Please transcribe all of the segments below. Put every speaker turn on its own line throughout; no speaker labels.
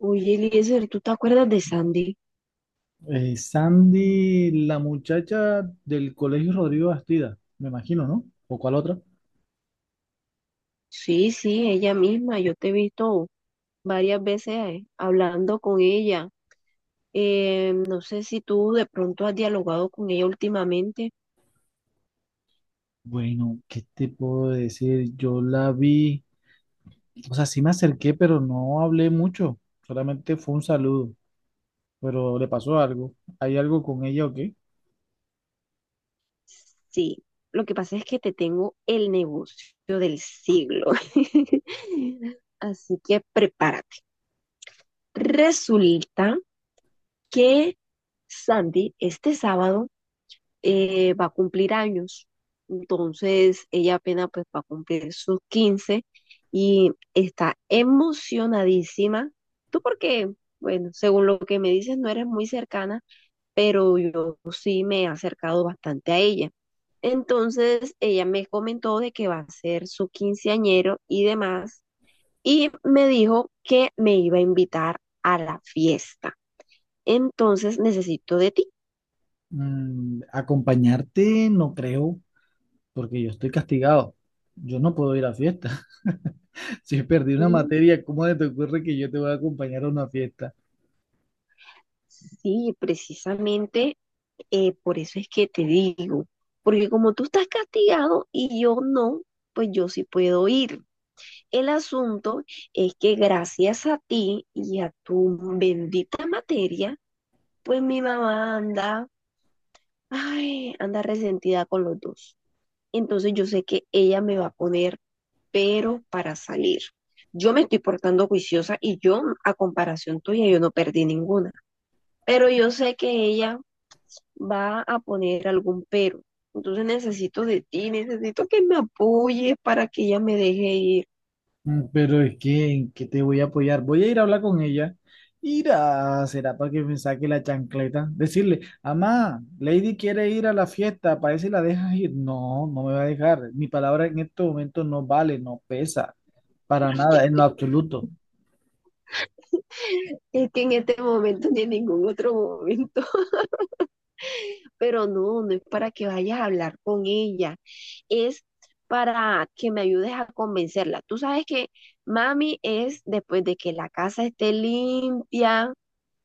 Oye, Eliezer, ¿tú te acuerdas de Sandy?
Sandy, la muchacha del Colegio Rodrigo Bastida, me imagino, ¿no? ¿O cuál otra?
Sí, sí, ella misma. Yo te he visto varias veces hablando con ella. No sé si tú de pronto has dialogado con ella últimamente.
Bueno, ¿qué te puedo decir? Yo la vi, o sea, sí me acerqué, pero no hablé mucho, solamente fue un saludo, pero le pasó algo. ¿Hay algo con ella o qué?
Sí, lo que pasa es que te tengo el negocio del siglo. Así que prepárate. Resulta que Sandy este sábado va a cumplir años. Entonces, ella apenas pues va a cumplir sus 15 y está emocionadísima. Tú porque, bueno, según lo que me dices, no eres muy cercana, pero yo sí me he acercado bastante a ella. Entonces, ella me comentó de que va a ser su quinceañero y demás, y me dijo que me iba a invitar a la fiesta. Entonces, necesito de ti.
Acompañarte no creo, porque yo estoy castigado. Yo no puedo ir a fiesta. Si perdí una
Mm,
materia, ¿cómo te ocurre que yo te voy a acompañar a una fiesta?
Sí, precisamente. Por eso es que te digo, porque como tú estás castigado y yo no, pues yo sí puedo ir. El asunto es que gracias a ti y a tu bendita materia, pues mi mamá anda, ay, anda resentida con los dos. Entonces yo sé que ella me va a poner pero para salir. Yo me estoy portando juiciosa y yo, a comparación tuya, yo no perdí ninguna. Pero yo sé que ella va a poner algún pero. Entonces necesito de ti, necesito que me apoyes para que ella me deje ir.
Pero es que, ¿en qué te voy a apoyar? Voy a ir a hablar con ella. Ir a, será para que me saque la chancleta. Decirle, mamá, Lady quiere ir a la fiesta, para si la dejas ir. No, no me va a dejar. Mi palabra en este momento no vale, no pesa, para nada, en lo absoluto.
Es que en este momento ni en ningún otro momento, pero no, no es para que vayas a hablar con ella, es para que me ayudes a convencerla. Tú sabes que mami es después de que la casa esté limpia,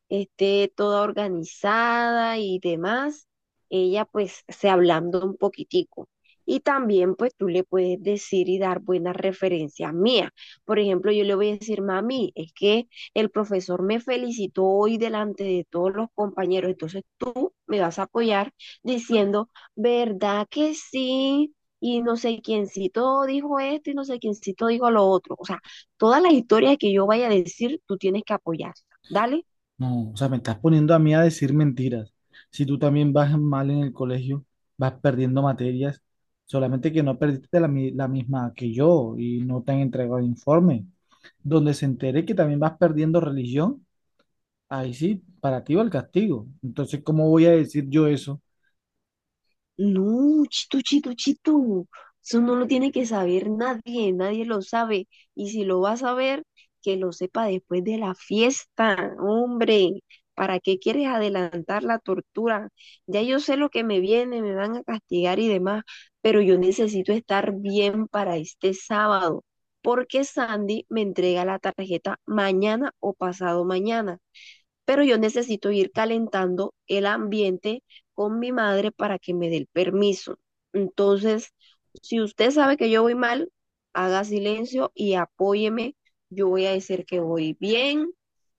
esté toda organizada y demás, ella pues se ablanda un poquitico. Y también pues tú le puedes decir y dar buenas referencias mías. Por ejemplo, yo le voy a decir, mami, es que el profesor me felicitó hoy delante de todos los compañeros, entonces tú me vas a apoyar diciendo, ¿verdad que sí? Y no sé quiéncito dijo esto y no sé quiéncito dijo lo otro. O sea, todas las historias que yo vaya a decir, tú tienes que apoyar. Dale.
No, o sea, me estás poniendo a mí a decir mentiras. Si tú también vas mal en el colegio, vas perdiendo materias, solamente que no perdiste la misma que yo y no te han entregado el informe. Donde se entere que también vas perdiendo religión, ahí sí, para ti va el castigo. Entonces, ¿cómo voy a decir yo eso?
No, chitu, chitu, chitu. Eso no lo tiene que saber nadie, nadie lo sabe. Y si lo va a saber, que lo sepa después de la fiesta, hombre. ¿Para qué quieres adelantar la tortura? Ya yo sé lo que me viene, me van a castigar y demás, pero yo necesito estar bien para este sábado, porque Sandy me entrega la tarjeta mañana o pasado mañana, pero yo necesito ir calentando el ambiente con mi madre para que me dé el permiso. Entonces, si usted sabe que yo voy mal, haga silencio y apóyeme. Yo voy a decir que voy bien,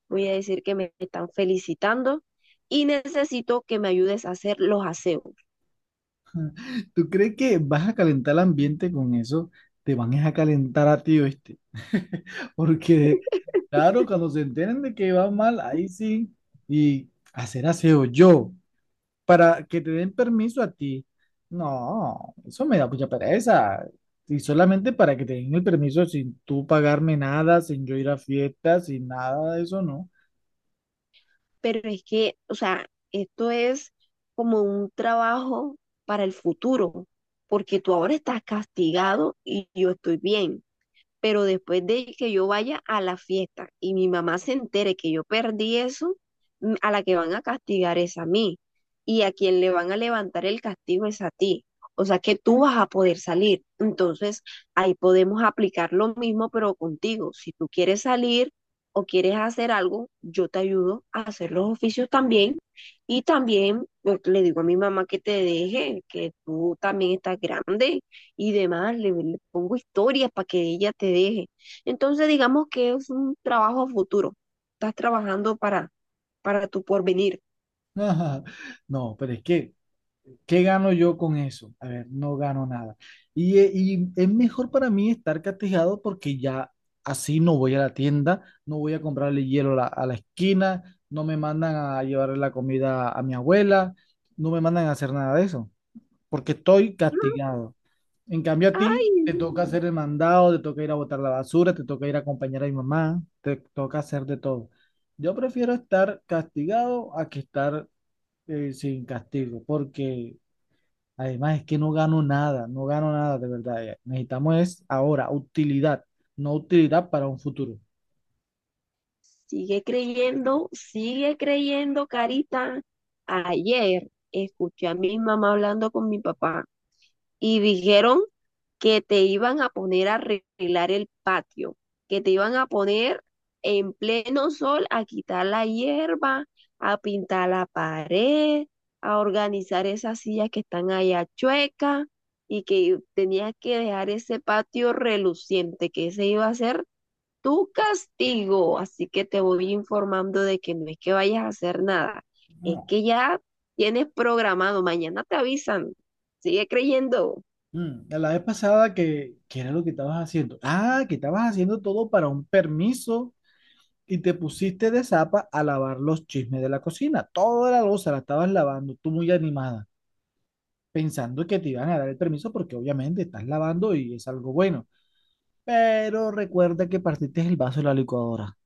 voy a decir que me están felicitando y necesito que me ayudes a hacer los aseos.
¿Tú crees que vas a calentar el ambiente con eso? Te van a calentar a ti, ¿oíste? Porque, claro, cuando se enteren de que va mal, ahí sí, y hacer aseo yo, para que te den permiso a ti. No, eso me da mucha pereza. Y solamente para que te den el permiso sin tú pagarme nada, sin yo ir a fiestas, sin nada de eso, no.
Pero es que, o sea, esto es como un trabajo para el futuro, porque tú ahora estás castigado y yo estoy bien. Pero después de que yo vaya a la fiesta y mi mamá se entere que yo perdí eso, mm, a la que van a castigar es a mí y a quien le van a levantar el castigo es a ti. O sea que tú vas a poder salir. Entonces, ahí podemos aplicar lo mismo, pero contigo. Si tú quieres salir o quieres hacer algo, yo te ayudo a hacer los oficios también. Y también pues, le digo a mi mamá que te deje, que tú también estás grande y demás, le pongo historias para que ella te deje. Entonces, digamos que es un trabajo futuro. Estás trabajando para tu porvenir.
Ajá. No, pero es que, ¿qué gano yo con eso? A ver, no gano nada. Y es mejor para mí estar castigado porque ya así no voy a la tienda, no voy a comprarle hielo a a la esquina, no me mandan a llevarle la comida a mi abuela, no me mandan a hacer nada de eso, porque estoy
Mm,
castigado. En cambio a
Ay,
ti te toca hacer el mandado, te toca ir a botar la basura, te toca ir a acompañar a mi mamá, te toca hacer de todo. Yo prefiero estar castigado a que estar sin castigo, porque además es que no gano nada, no gano nada de verdad. Ya. Necesitamos es ahora utilidad, no utilidad para un futuro.
sigue creyendo, Carita. Ayer escuché a mi mamá hablando con mi papá y dijeron que te iban a poner a arreglar el patio, que te iban a poner en pleno sol a quitar la hierba, a pintar la pared, a organizar esas sillas que están allá chuecas y que tenías que dejar ese patio reluciente, que ese iba a ser tu castigo. Así que te voy informando de que no es que vayas a hacer nada, es
No.
que ya tienes programado, mañana te avisan. Sigue creyendo.
La vez pasada que, ¿qué era lo que estabas haciendo? Ah, que estabas haciendo todo para un permiso y te pusiste de zapa a lavar los chismes de la cocina. Toda la loza la estabas lavando, tú muy animada, pensando que te iban a dar el permiso porque obviamente estás lavando y es algo bueno. Pero recuerda que partiste el vaso de la licuadora.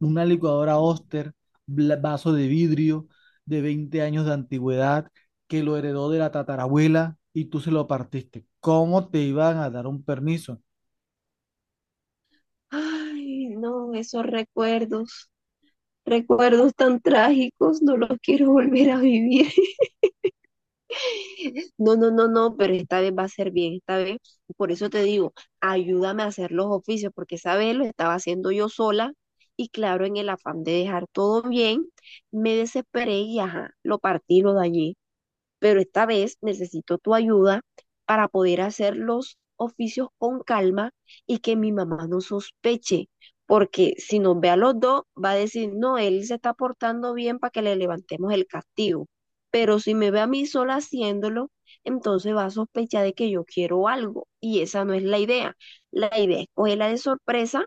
Una licuadora Oster, vaso de vidrio de 20 años de antigüedad que lo heredó de la tatarabuela y tú se lo partiste. ¿Cómo te iban a dar un permiso?
Ay, no, esos recuerdos, recuerdos tan trágicos, no los quiero volver a vivir. No, no, no, no, pero esta vez va a ser bien, esta vez, por eso te digo, ayúdame a hacer los oficios, porque esa vez lo estaba haciendo yo sola y claro, en el afán de dejar todo bien, me desesperé y ajá, lo partí, lo dañé, pero esta vez necesito tu ayuda para poder hacer los oficios con calma y que mi mamá no sospeche, porque si nos ve a los dos, va a decir, no, él se está portando bien para que le levantemos el castigo, pero si me ve a mí sola haciéndolo, entonces va a sospechar de que yo quiero algo y esa no es la idea. La idea es cogerla de sorpresa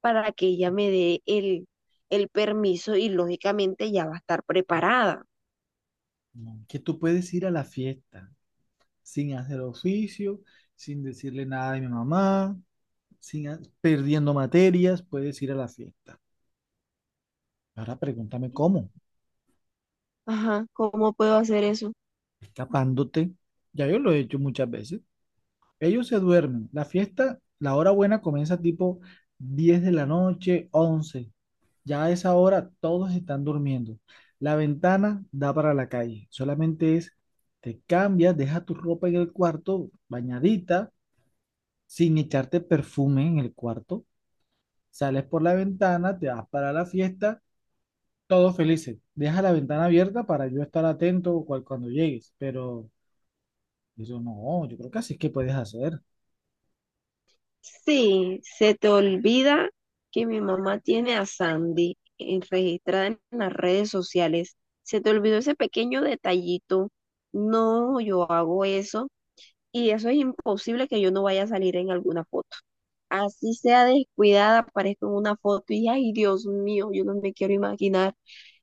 para que ella me dé el permiso y lógicamente ya va a estar preparada.
No, que tú puedes ir a la fiesta sin hacer oficio, sin decirle nada de mi mamá, sin a- perdiendo materias, puedes ir a la fiesta. Ahora pregúntame cómo,
Ajá, ¿cómo puedo hacer eso?
escapándote. Ya yo lo he hecho muchas veces. Ellos se duermen. La fiesta, la hora buena comienza tipo 10 de la noche, 11. Ya a esa hora todos están durmiendo. La ventana da para la calle. Solamente es, te cambias, deja tu ropa en el cuarto, bañadita, sin echarte perfume en el cuarto. Sales por la ventana, te vas para la fiesta, todos felices. Deja la ventana abierta para yo estar atento cuando llegues. Pero eso no, yo creo que así es que puedes hacer.
Sí, se te olvida que mi mamá tiene a Sandy en- registrada en las redes sociales. Se te olvidó ese pequeño detallito. No, yo hago eso y eso es imposible que yo no vaya a salir en alguna foto. Así sea descuidada, aparezco en una foto y ay, Dios mío, yo no me quiero imaginar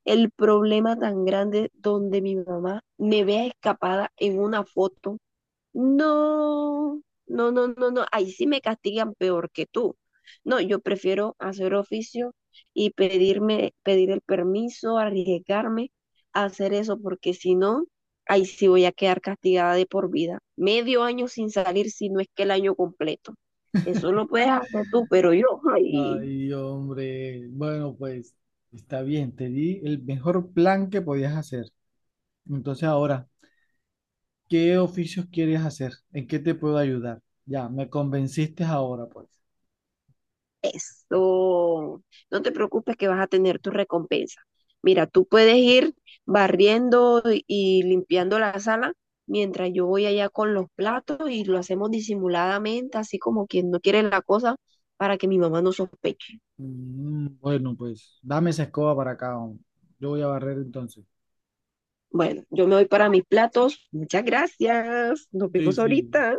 el problema tan grande donde mi mamá me vea escapada en una foto. No, no, no, no, no. Ahí sí me castigan peor que tú. No, yo prefiero hacer oficio y pedirme, pedir el permiso, arriesgarme a hacer eso, porque si no, ahí sí voy a quedar castigada de por vida. medio año sin salir, si no es que el año completo. Eso lo puedes hacer tú, pero yo, ay.
Ay, hombre, bueno, pues está bien, te di el mejor plan que podías hacer. Entonces ahora, ¿qué oficios quieres hacer? ¿En qué te puedo ayudar? Ya, me convenciste ahora, pues.
Eso, no te preocupes que vas a tener tu recompensa. Mira, tú puedes ir barriendo y limpiando la sala mientras yo voy allá con los platos y lo hacemos disimuladamente, así como quien no quiere la cosa, para que mi mamá no sospeche.
Bueno, pues dame esa escoba para acá, hombre. Yo voy a barrer entonces.
Bueno, yo me voy para mis platos. Muchas gracias. Nos
Sí,
vemos
sí,
ahorita.